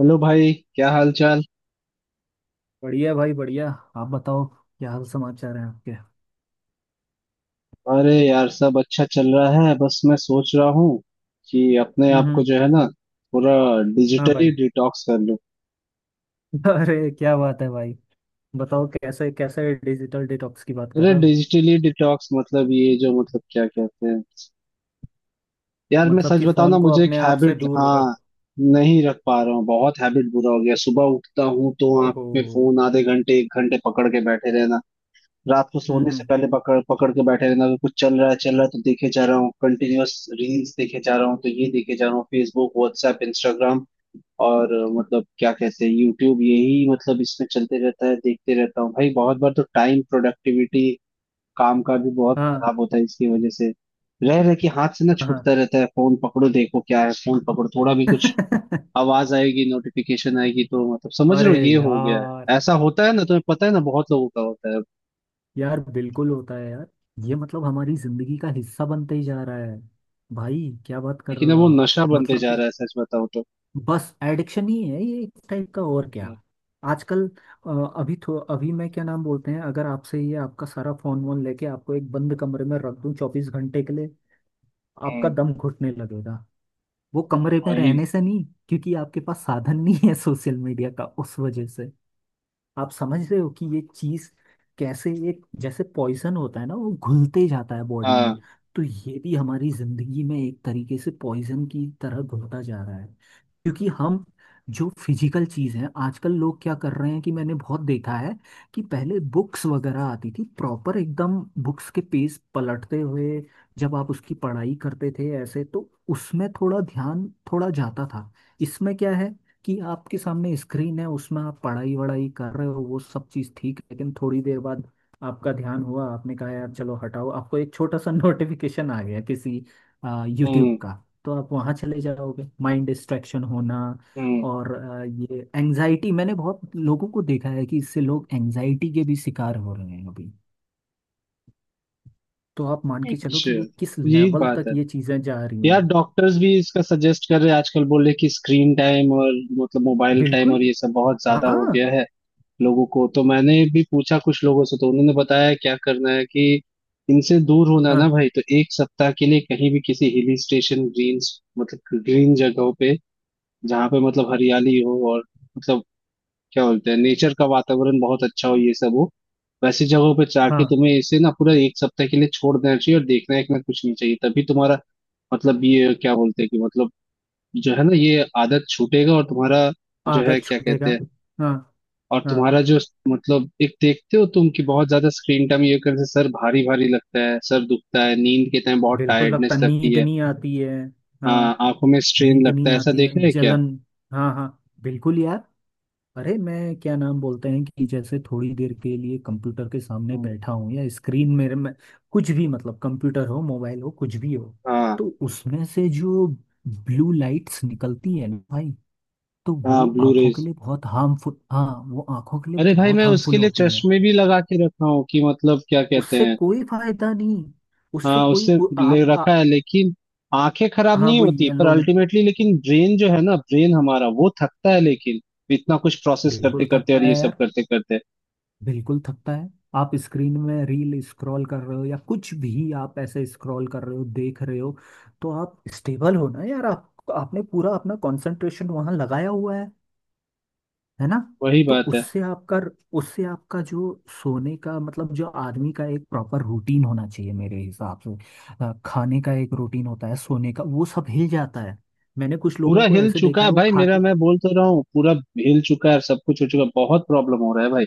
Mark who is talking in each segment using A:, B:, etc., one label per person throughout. A: Hello भाई, क्या हाल चाल।
B: बढ़िया भाई बढ़िया। आप बताओ क्या हाल समाचार है आपके।
A: अरे यार, सब अच्छा चल रहा है। बस मैं सोच रहा हूँ कि अपने आप
B: हम्म।
A: को जो है ना, पूरा
B: हाँ
A: डिजिटली
B: भाई।
A: डिटॉक्स कर लूँ।
B: अरे क्या बात है भाई। बताओ कैसे कैसे डिजिटल डिटॉक्स की बात कर
A: अरे
B: रहे हो।
A: डिजिटली डिटॉक्स मतलब ये जो मतलब क्या कहते हैं यार, मैं
B: मतलब
A: सच
B: कि
A: बताऊँ
B: फोन
A: ना,
B: को
A: मुझे एक
B: अपने आप से
A: हैबिट,
B: दूर रखो।
A: हाँ, नहीं रख पा रहा हूँ। बहुत हैबिट बुरा हो गया। सुबह उठता हूँ तो आंख
B: ओहो।
A: में फोन आधे घंटे एक घंटे पकड़ के बैठे रहना। रात को सोने से
B: हम्म।
A: पहले पकड़ पकड़ के बैठे रहना। अगर कुछ चल रहा है तो देखे जा रहा हूँ, कंटिन्यूअस रील्स देखे जा रहा हूँ, तो ये देखे जा रहा हूँ फेसबुक व्हाट्सएप इंस्टाग्राम और मतलब क्या कहते हैं यूट्यूब, यही मतलब इसमें चलते रहता है, देखते रहता हूँ भाई। बहुत बार तो टाइम प्रोडक्टिविटी, काम का भी बहुत
B: हाँ
A: खराब होता है इसकी वजह से। रह रहे कि हाथ से ना
B: हाँ हाँ।
A: छूटता रहता है, फोन पकड़ो देखो क्या है, फोन पकड़ो। थोड़ा भी कुछ आवाज आएगी, नोटिफिकेशन आएगी तो, मतलब समझ रहे
B: अरे
A: हो, ये हो गया
B: यार।
A: है। ऐसा होता है ना, तुम्हें पता है ना, बहुत लोगों का होता है।
B: यार बिल्कुल होता है यार। ये मतलब हमारी जिंदगी का हिस्सा बनते ही जा रहा है। भाई क्या बात कर रहे
A: लेकिन
B: हो
A: अब वो
B: आप।
A: नशा बनते
B: मतलब
A: जा रहा है, सच बताओ तो।
B: बस एडिक्शन ही है ये एक टाइप का और क्या। आजकल अ, अभी थो अभी मैं क्या नाम बोलते हैं, अगर आपसे ये आपका सारा फोन वोन लेके आपको एक बंद कमरे में रख दूं 24 घंटे के लिए, आपका
A: हम्म।
B: दम घुटने लगेगा। वो कमरे में
A: वही।
B: रहने से नहीं, क्योंकि आपके पास साधन नहीं है सोशल मीडिया का, उस वजह से। आप समझ रहे हो कि ये चीज कैसे, एक जैसे पॉइजन होता है ना वो घुलते जाता है बॉडी में,
A: हाँ।
B: तो ये भी हमारी जिंदगी में एक तरीके से पॉइजन की तरह घुलता जा रहा है। क्योंकि हम, जो फिजिकल चीज है, आजकल लोग क्या कर रहे हैं कि मैंने बहुत देखा है कि पहले बुक्स वगैरह आती थी प्रॉपर एकदम। बुक्स के पेज पलटते हुए जब आप उसकी पढ़ाई करते थे ऐसे, तो उसमें थोड़ा ध्यान, थोड़ा जाता था। इसमें क्या है कि आपके सामने स्क्रीन है, उसमें आप पढ़ाई वढ़ाई कर रहे हो वो सब चीज़ ठीक है, लेकिन थोड़ी देर बाद आपका ध्यान हुआ आपने कहा यार चलो हटाओ, आपको एक छोटा सा नोटिफिकेशन आ गया किसी यूट्यूब
A: हम्म।
B: का, तो आप वहाँ चले जाओगे, माइंड डिस्ट्रैक्शन होना।
A: हम्म।
B: और ये एंजाइटी, मैंने बहुत लोगों को देखा है कि इससे लोग एंजाइटी के भी शिकार हो रहे हैं अभी। तो आप मान के चलो
A: अच्छा,
B: कि ये किस
A: यही
B: लेवल
A: बात
B: तक
A: है
B: ये चीज़ें जा रही
A: यार।
B: हैं।
A: डॉक्टर्स भी इसका सजेस्ट कर रहे हैं आजकल, बोल रहे हैं कि स्क्रीन टाइम और मतलब मोबाइल टाइम और
B: बिल्कुल।
A: ये सब बहुत ज्यादा हो
B: हाँ
A: गया है लोगों को। तो मैंने भी पूछा कुछ लोगों से, तो उन्होंने बताया क्या करना है कि इनसे दूर होना है
B: हाँ
A: ना भाई, तो एक सप्ताह के लिए कहीं भी किसी हिल स्टेशन, ग्रीन मतलब ग्रीन जगहों पे, जहाँ पे मतलब हरियाली हो और मतलब क्या बोलते हैं नेचर का वातावरण बहुत अच्छा हो, ये सब हो, वैसी जगहों पे जाके
B: हाँ।
A: तुम्हें इसे ना पूरा एक सप्ताह के लिए छोड़ देना चाहिए और देखना है कि ना कुछ नहीं चाहिए, तभी तुम्हारा मतलब ये क्या बोलते हैं कि मतलब जो है ना ये आदत छूटेगा और तुम्हारा जो है
B: आदत
A: क्या कहते
B: छूटेगा।
A: हैं
B: हाँ
A: और
B: हाँ।
A: तुम्हारा जो मतलब, एक देखते हो तुम कि बहुत ज्यादा स्क्रीन टाइम ये करने से सर भारी भारी लगता है, सर दुखता है, नींद के टाइम बहुत
B: बिल्कुल लगता,
A: टायर्डनेस लगती
B: नींद
A: है।
B: नहीं आती है।
A: हाँ,
B: हाँ।
A: आंखों में स्ट्रेन
B: नींद
A: लगता
B: नहीं
A: है, ऐसा
B: आती है,
A: देखा है क्या।
B: जलन। हाँ हाँ। बिल्कुल यार। अरे मैं क्या नाम बोलते हैं कि जैसे थोड़ी देर के लिए कंप्यूटर के सामने बैठा हूँ या स्क्रीन मेरे में, कुछ भी मतलब कंप्यूटर हो मोबाइल हो कुछ भी हो,
A: हाँ
B: तो उसमें से जो ब्लू लाइट्स निकलती है ना भाई, तो
A: हाँ,
B: वो
A: ब्लू
B: आंखों के
A: रेज।
B: लिए बहुत हार्मफुल, हाँ वो आंखों के लिए
A: अरे भाई,
B: बहुत
A: मैं उसके
B: हार्मफुल
A: लिए
B: होती है।
A: चश्मे भी लगा के रखा हूँ कि मतलब क्या कहते
B: उससे
A: हैं,
B: कोई फायदा नहीं। उससे
A: हाँ,
B: कोई
A: उससे
B: वो
A: ले
B: आप
A: रखा है, लेकिन आंखें खराब
B: हाँ
A: नहीं
B: वो
A: होती पर
B: येलो में
A: अल्टीमेटली, लेकिन ब्रेन जो है ना, ब्रेन हमारा वो थकता है लेकिन, इतना कुछ प्रोसेस करते
B: बिल्कुल
A: करते
B: थकता
A: और
B: है
A: ये सब
B: यार।
A: करते करते।
B: बिल्कुल थकता है। आप स्क्रीन में रील स्क्रॉल कर रहे हो या कुछ भी आप ऐसे स्क्रॉल कर रहे हो देख रहे हो, तो आप स्टेबल हो ना यार, आप आपने पूरा अपना कंसंट्रेशन वहां लगाया हुआ है ना।
A: वही
B: तो
A: बात है।
B: उससे आपका, उससे आपका जो सोने का मतलब, जो आदमी का एक प्रॉपर रूटीन होना चाहिए मेरे हिसाब से, खाने का एक रूटीन होता है सोने का, वो सब हिल जाता है। मैंने कुछ
A: पूरा
B: लोगों को
A: हिल
B: ऐसे
A: चुका
B: देखा
A: है
B: है वो
A: भाई मेरा,
B: खाते।
A: मैं बोल तो रहा हूँ, पूरा हिल चुका है, सब कुछ हो चुका है, बहुत प्रॉब्लम हो रहा है भाई।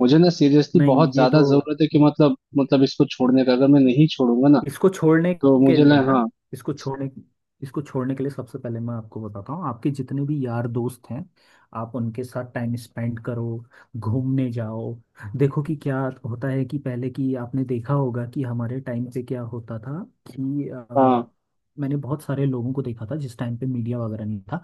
A: मुझे ना, सीरियसली
B: नहीं
A: बहुत
B: ये तो,
A: ज्यादा जरूरत है कि मतलब इसको छोड़ने का, अगर मैं नहीं छोड़ूंगा ना,
B: इसको छोड़ने
A: तो
B: के
A: मुझे
B: लिए
A: ना।
B: ना,
A: हाँ।
B: इसको छोड़ने इसको छोड़ने के लिए सबसे पहले मैं आपको बताता हूँ, आपके जितने भी यार दोस्त हैं आप उनके साथ टाइम स्पेंड करो, घूमने जाओ। देखो कि क्या होता है कि पहले की आपने देखा होगा कि हमारे टाइम पे क्या होता था कि
A: हाँ
B: मैंने बहुत सारे लोगों को देखा था जिस टाइम पे मीडिया वगैरह नहीं था,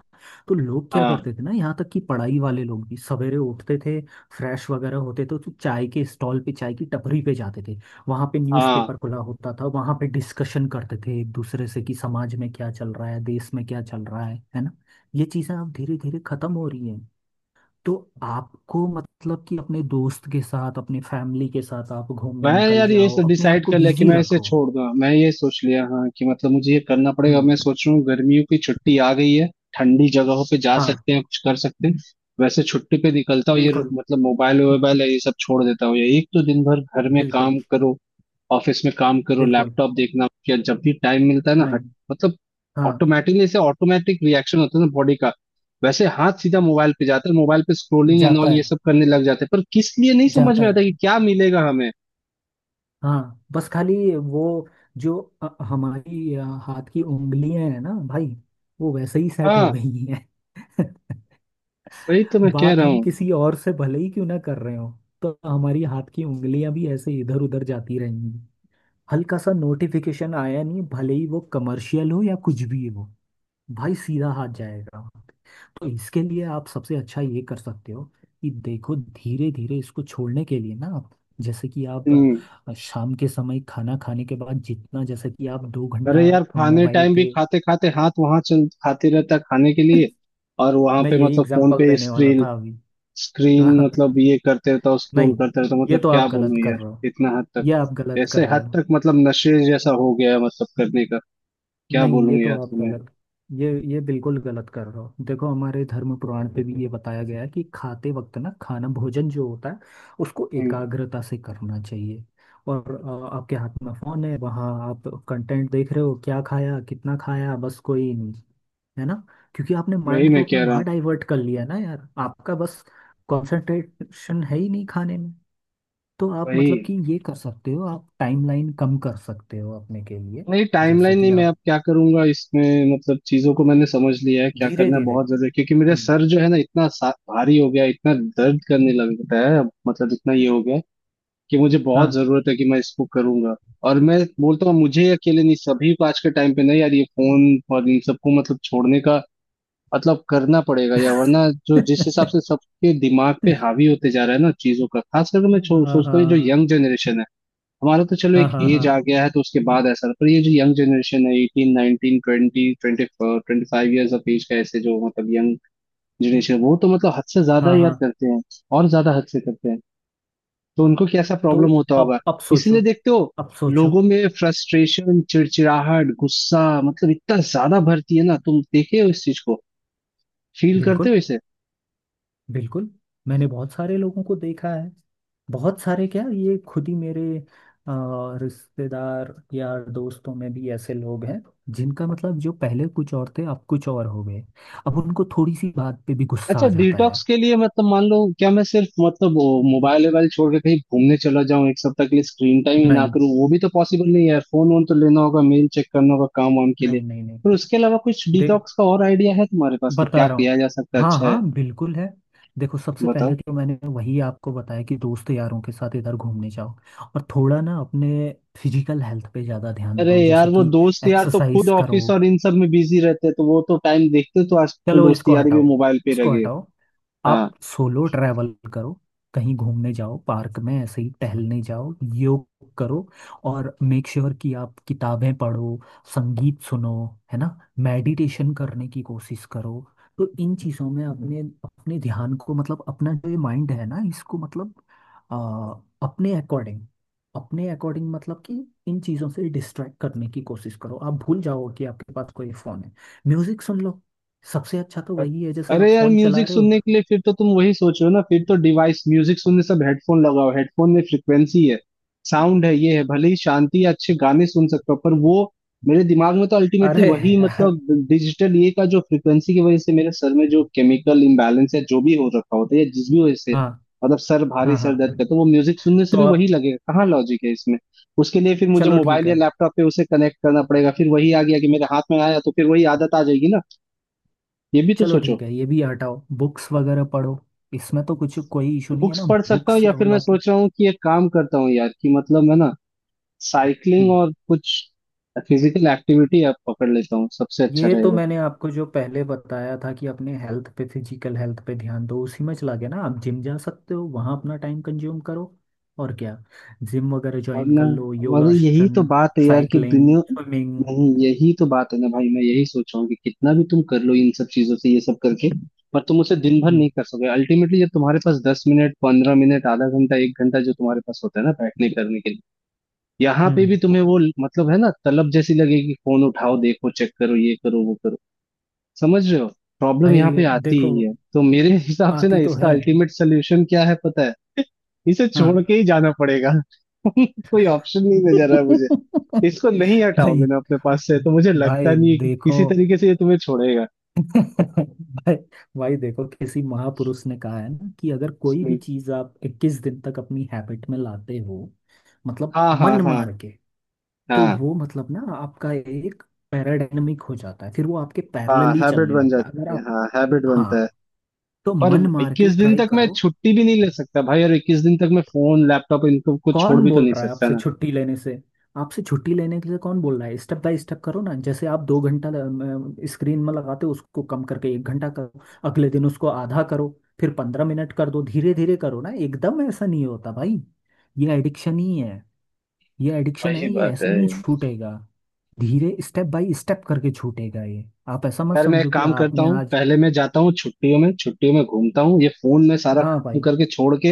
B: तो लोग क्या
A: हाँ
B: करते थे ना, यहाँ तक कि पढ़ाई वाले लोग भी सवेरे उठते थे फ्रेश वगैरह होते थे, तो चाय के स्टॉल पे चाय की टपरी पे जाते थे, वहां पे
A: हाँ।
B: न्यूज़पेपर खुला होता था, वहां पे डिस्कशन करते थे एक दूसरे से कि समाज में क्या चल रहा है देश में क्या चल रहा है ना। ये चीजें अब धीरे धीरे खत्म हो रही हैं। तो आपको मतलब कि अपने दोस्त के साथ अपने फैमिली के साथ आप घूमने
A: मैं
B: निकल
A: यार
B: जाओ,
A: ये
B: अपने आप
A: डिसाइड
B: को
A: कर लिया कि
B: बिजी
A: मैं इसे
B: रखो।
A: छोड़ दूंगा, मैं ये सोच लिया, हाँ, कि मतलब मुझे ये करना पड़ेगा। मैं
B: हम्म।
A: सोच रहा हूँ गर्मियों की छुट्टी आ गई है, ठंडी जगहों पे जा
B: हाँ।
A: सकते हैं, कुछ कर सकते हैं। वैसे छुट्टी पे निकलता हूँ ये
B: बिल्कुल।
A: मतलब मोबाइल वोबाइल है ये सब छोड़ देता हूँ। ये एक तो दिन भर घर में
B: बिल्कुल।
A: काम करो, ऑफिस में काम करो,
B: बिल्कुल।
A: लैपटॉप देखना, या जब भी टाइम मिलता है ना, हट
B: नहीं।
A: मतलब
B: हाँ।
A: ऑटोमेटिकली से ऑटोमेटिक रिएक्शन होता है ना बॉडी का। वैसे हाथ सीधा मोबाइल पे जाता है, मोबाइल पे स्क्रोलिंग एंड
B: जाता
A: ऑल ये
B: है,
A: सब करने लग जाते हैं, पर किस लिए नहीं समझ
B: जाता
A: में आता
B: है।
A: कि क्या मिलेगा हमें।
B: हाँ बस खाली वो, जो हमारी हाथ की उंगलियां हैं ना भाई, वो वैसे ही सेट हो
A: हाँ,
B: गई।
A: वही तो मैं कह
B: बात
A: रहा
B: हम
A: हूँ।
B: किसी और से भले ही क्यों ना कर रहे हो, तो हमारी हाथ की उंगलियां भी ऐसे इधर उधर जाती रहेंगी। हल्का सा नोटिफिकेशन आया नहीं, भले ही वो कमर्शियल हो या कुछ भी हो, भाई सीधा हाथ जाएगा। तो इसके लिए आप सबसे अच्छा ये कर सकते हो कि देखो धीरे धीरे इसको छोड़ने के लिए ना, आप जैसे कि आप
A: हम्म।
B: शाम के समय खाना खाने के बाद जितना जैसे कि आप दो
A: अरे
B: घंटा
A: यार, खाने
B: मोबाइल
A: टाइम भी
B: पे।
A: खाते खाते हाथ वहां चल, खाते रहता है खाने के लिए और वहां
B: मैं
A: पे
B: यही
A: मतलब फोन
B: एग्जांपल
A: पे
B: देने वाला
A: स्क्रीन,
B: था अभी।
A: स्क्रीन मतलब ये करते रहता हूँ, स्क्रोल
B: नहीं
A: करते रहता हूँ,
B: ये
A: मतलब
B: तो
A: क्या
B: आप गलत
A: बोलूं
B: कर रहे हो।
A: यार। इतना हद तक।
B: ये आप गलत कर
A: ऐसे
B: रहे
A: हद
B: हो।
A: तक मतलब नशे जैसा हो गया है, मतलब करने का। क्या
B: नहीं ये
A: बोलूं
B: तो
A: यार
B: आप
A: तुम्हें।
B: गलत, ये बिल्कुल गलत कर रहे हो। देखो हमारे धर्म पुराण पे भी ये बताया गया है कि खाते वक्त ना खाना भोजन जो होता है उसको
A: हम्म।
B: एकाग्रता से करना चाहिए। और आपके हाथ में फोन है, वहाँ आप कंटेंट देख रहे हो, क्या खाया कितना खाया बस कोई नहीं, है ना। क्योंकि आपने
A: वही
B: माइंड
A: मैं
B: तो अपना
A: कह रहा हूँ।
B: वहाँ डाइवर्ट कर लिया ना यार, आपका बस कंसंट्रेशन है ही नहीं खाने में। तो आप
A: वही।
B: मतलब कि ये कर सकते हो, आप टाइमलाइन कम कर सकते हो अपने के लिए,
A: नहीं,
B: जैसे
A: टाइमलाइन नहीं।
B: कि
A: मैं
B: आप
A: अब क्या करूंगा इसमें, मतलब चीजों को मैंने समझ लिया है, क्या
B: धीरे
A: करना है
B: धीरे।
A: बहुत ज्यादा, क्योंकि मेरा
B: हम्म।
A: सर जो है ना, इतना भारी हो गया है, इतना दर्द करने लगता है अब, मतलब इतना ये हो गया है कि मुझे
B: हाँ।
A: बहुत जरूरत है कि मैं इसको करूंगा। और मैं बोलता हूँ मुझे ही अकेले नहीं, सभी को आज के टाइम पे ना यार, ये फोन और इन सबको मतलब छोड़ने का मतलब करना पड़ेगा यार, वरना जो जिस हिसाब से सबके दिमाग पे हावी होते जा रहा है ना चीजों का, खास करके मैं
B: हाँ हाँ
A: सोचता हूँ ये जो
B: हाँ
A: यंग जनरेशन है, हमारा तो चलो
B: हाँ
A: एक
B: हाँ
A: एज आ गया है तो उसके बाद ऐसा, पर ये जो यंग जनरेशन है 18 19 20 20 25 ईयर्स ऑफ एज का, ऐसे जो मतलब यंग जनरेशन, वो तो मतलब हद से ज्यादा
B: हाँ
A: यार
B: हाँ।
A: करते हैं और ज्यादा हद से करते हैं। तो उनको कैसा
B: तो
A: प्रॉब्लम होता
B: अब
A: होगा।
B: अब सोचो,
A: इसलिए देखते हो
B: अब सोचो।
A: लोगों में फ्रस्ट्रेशन, चिड़चिड़ाहट, गुस्सा, मतलब इतना ज्यादा भरती है ना, तुम देखे हो इस चीज को, फील करते हो
B: बिल्कुल।
A: इसे।
B: बिल्कुल। मैंने बहुत सारे लोगों को देखा है, बहुत सारे क्या ये खुद ही मेरे रिश्तेदार या दोस्तों में भी ऐसे लोग हैं, जिनका मतलब जो पहले कुछ और थे अब कुछ और हो गए। अब उनको थोड़ी सी बात पे भी गुस्सा
A: अच्छा,
B: आ जाता है।
A: डिटॉक्स के लिए मतलब मान लो, क्या मैं सिर्फ मतलब वो मोबाइल वोबाइल छोड़ के कहीं घूमने चला जाऊं एक सप्ताह के लिए, स्क्रीन टाइम ही ना
B: नहीं
A: करूं, वो भी तो पॉसिबल नहीं है यार, फोन वोन तो लेना होगा, मेल चेक करना होगा काम वाम के लिए,
B: नहीं नहीं। नहीं
A: पर उसके अलावा कुछ
B: दे
A: डिटॉक्स का और आइडिया है तुम्हारे पास कि
B: बता
A: क्या
B: रहा हूँ।
A: किया जा सकता है,
B: हाँ
A: अच्छा है।
B: हाँ बिल्कुल है। देखो सबसे
A: बताओ।
B: पहले तो मैंने वही आपको बताया कि दोस्त यारों के साथ इधर घूमने जाओ, और थोड़ा ना अपने फिजिकल हेल्थ पे ज़्यादा ध्यान
A: अरे
B: दो,
A: यार,
B: जैसे
A: वो
B: कि
A: दोस्त यार तो खुद
B: एक्सरसाइज करो।
A: ऑफिस और इन सब में बिजी रहते हैं, तो वो तो टाइम देखते हैं, तो आजकल
B: चलो
A: दोस्त
B: इसको
A: यारी भी
B: हटाओ,
A: मोबाइल पे रह
B: इसको
A: गए।
B: हटाओ।
A: हाँ।
B: आप सोलो ट्रैवल करो, कहीं घूमने जाओ, पार्क में ऐसे ही टहलने जाओ, योग करो। और मेक श्योर कि आप किताबें पढ़ो, संगीत सुनो, है ना, मेडिटेशन करने की कोशिश करो। तो इन चीज़ों में अपने, अपने ध्यान को मतलब अपना जो ये माइंड है ना, इसको मतलब आ, अपने अकॉर्डिंग, अपने अकॉर्डिंग मतलब कि इन चीज़ों से डिस्ट्रैक्ट करने की कोशिश करो, आप भूल जाओ कि आपके पास कोई फ़ोन है। म्यूज़िक सुन लो। सबसे अच्छा तो
A: अ-
B: वही है जैसे
A: अरे
B: आप
A: यार,
B: फोन चला
A: म्यूजिक
B: रहे हो।
A: सुनने के लिए फिर तो तुम वही सोच रहे हो ना, फिर तो डिवाइस, म्यूजिक सुनने सब हेडफोन लगाओ, हेडफोन में फ्रिक्वेंसी है, साउंड है, ये है, भले ही शांति या अच्छे गाने सुन सकते हो पर वो मेरे दिमाग में तो अल्टीमेटली
B: अरे
A: वही
B: यार।
A: मतलब डिजिटल ये का जो फ्रिक्वेंसी की वजह से मेरे सर में जो केमिकल इम्बैलेंस है जो भी हो रखा होता है या जिस भी वजह से,
B: हाँ
A: मतलब सर भारी,
B: हाँ
A: सर
B: हाँ।
A: दर्द करता है, तो वो म्यूजिक सुनने से
B: तो
A: भी वही
B: अब,
A: लगेगा, कहाँ लॉजिक है इसमें। उसके लिए फिर मुझे
B: चलो ठीक
A: मोबाइल या
B: है,
A: लैपटॉप पे उसे कनेक्ट करना पड़ेगा, फिर वही आ गया कि मेरे हाथ में आया तो फिर वही आदत आ जाएगी ना, ये भी तो
B: चलो
A: सोचो।
B: ठीक है, ये भी हटाओ। बुक्स वगैरह पढ़ो, इसमें तो कुछ कोई इशू नहीं है
A: बुक्स
B: ना
A: पढ़ सकता हूँ,
B: बुक्स
A: या फिर मैं
B: वाला के।
A: सोच रहा हूँ कि एक काम करता हूँ यार कि मतलब मैं ना साइकिलिंग और कुछ फिजिकल एक्टिविटी आप पकड़ लेता हूँ, सबसे अच्छा
B: ये तो
A: रहेगा।
B: मैंने आपको जो पहले बताया था कि अपने हेल्थ पे, फिजिकल हेल्थ पे ध्यान दो उसी में चला गया ना, आप जिम जा सकते हो, वहाँ अपना टाइम कंज्यूम करो और क्या, जिम वगैरह ज्वाइन
A: वरना
B: कर लो,
A: वरना यही तो
B: योगासन,
A: बात है यार कि
B: साइकिलिंग,
A: दुनिया,
B: स्विमिंग।
A: नहीं यही तो बात है ना भाई, मैं यही सोच रहा हूँ कि कितना भी तुम कर लो इन सब चीजों से, ये सब करके, पर तुम उसे दिन भर
B: हम्म।
A: नहीं कर सकोगे अल्टीमेटली। जब तुम्हारे पास 10 मिनट, 15 मिनट, आधा घंटा, एक घंटा जो तुम्हारे पास होता है ना बैठने करने के लिए, यहाँ पे भी
B: हम्म।
A: तुम्हें वो मतलब है ना, तलब जैसी लगेगी, फोन उठाओ देखो चेक करो, ये करो, वो। समझ रहे हो, प्रॉब्लम यहाँ
B: भाई
A: पे आती
B: देखो
A: ही है। तो मेरे हिसाब से ना
B: आती तो
A: इसका
B: है।
A: अल्टीमेट सोल्यूशन क्या है पता है, इसे
B: हाँ।
A: छोड़ के ही जाना पड़ेगा। कोई ऑप्शन नहीं नजर आ रहा मुझे। इसको नहीं हटाओगे
B: नहीं
A: ना अपने पास से तो मुझे लगता
B: भाई
A: नहीं है कि
B: देखो
A: किसी तरीके से ये तुम्हें छोड़ेगा।
B: भाई, भाई देखो किसी महापुरुष ने कहा है ना कि अगर कोई भी
A: हम्म।
B: चीज आप 21 दिन तक अपनी हैबिट में लाते हो मतलब
A: हाँ हाँ
B: मन
A: हाँ
B: मार के, तो
A: हाँ
B: वो मतलब ना आपका एक पैराडायनमिक हो जाता है, फिर वो आपके
A: हाँ।
B: पैरेलली
A: हैबिट
B: चलने
A: बन
B: लगता है। अगर
A: जाती है,
B: आप,
A: हाँ हैबिट बनता है।
B: हाँ, तो
A: पर
B: मन मार के
A: 21 दिन
B: ट्राई
A: तक मैं
B: करो।
A: छुट्टी भी नहीं ले सकता भाई, और 21 दिन तक मैं फोन लैपटॉप इनको को छोड़
B: कौन
A: भी तो
B: बोल
A: नहीं
B: रहा है
A: सकता
B: आपसे
A: ना।
B: छुट्टी लेने से। आपसे छुट्टी लेने के लिए कौन बोल रहा है, स्टेप बाय स्टेप करो ना, जैसे आप 2 घंटा स्क्रीन में लगाते हो उसको कम करके 1 घंटा करो, अगले दिन उसको आधा करो, फिर 15 मिनट कर दो, धीरे धीरे करो ना, एकदम ऐसा नहीं होता भाई। ये एडिक्शन ही है। ये एडिक्शन
A: वही
B: है, ये
A: बात
B: ऐसे
A: है
B: नहीं छूटेगा, धीरे स्टेप बाय स्टेप करके छूटेगा। ये आप ऐसा मत
A: यार। मैं
B: समझो
A: एक
B: कि
A: काम करता
B: आपने
A: हूँ,
B: आज,
A: पहले मैं जाता हूँ छुट्टियों में, छुट्टियों में घूमता हूँ ये फोन में सारा
B: हाँ
A: खत्म
B: भाई।
A: करके छोड़ के।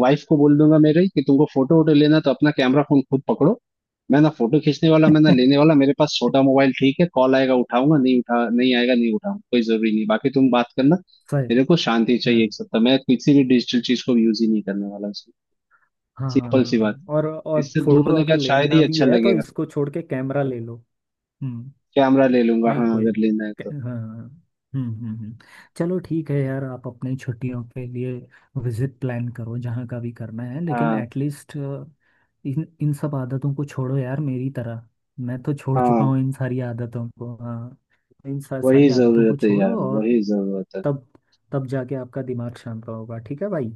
A: वाइफ को बोल दूंगा मेरे कि तुमको फोटो वोटो लेना तो अपना कैमरा फोन खुद पकड़ो, मैं ना फोटो खींचने वाला, मैं ना लेने वाला। मेरे पास छोटा मोबाइल ठीक है, कॉल आएगा उठाऊंगा, नहीं उठा, नहीं आएगा नहीं उठाऊंगा, कोई जरूरी नहीं, बाकी तुम बात करना।
B: सही।
A: मेरे को शांति
B: हाँ।
A: चाहिए एक सप्ताह, मैं किसी भी डिजिटल चीज को यूज ही नहीं करने वाला उसमें।
B: हाँ हाँ हाँ
A: सिंपल सी
B: हाँ।
A: बात,
B: हाँ। और
A: इससे दूर
B: फोटो
A: होने के
B: अगर
A: बाद शायद
B: लेना
A: ही
B: भी
A: अच्छा
B: है तो
A: लगेगा।
B: इसको छोड़ के कैमरा ले लो। हम्म।
A: कैमरा ले लूंगा
B: नहीं
A: हाँ,
B: कोई,
A: अगर लेना है तो।
B: हाँ हाँ। हाँ। हम्म हम्म हम्म। चलो ठीक है यार, आप अपनी छुट्टियों के लिए विजिट प्लान करो जहाँ का भी करना है लेकिन
A: हाँ
B: एटलीस्ट इन इन सब आदतों को छोड़ो यार, मेरी तरह मैं तो छोड़ चुका
A: हाँ।
B: हूँ इन सारी आदतों को। हाँ।
A: वही
B: सारी आदतों को
A: जरूरत है यार,
B: छोड़ो और
A: वही जरूरत है।
B: तब तब जाके आपका दिमाग शांत होगा, ठीक है भाई।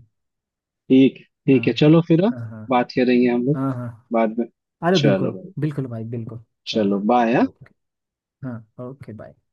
A: ठीक,
B: हाँ
A: ठीक है, चलो फिर। हाँ,
B: हाँ हाँ
A: बात करेंगे हम लोग
B: हाँ हाँ।
A: बाद में।
B: अरे
A: चलो
B: बिल्कुल
A: भाई।
B: बिल्कुल भाई बिल्कुल चलो।
A: चलो बाय।
B: ओके। हाँ ओके बाय।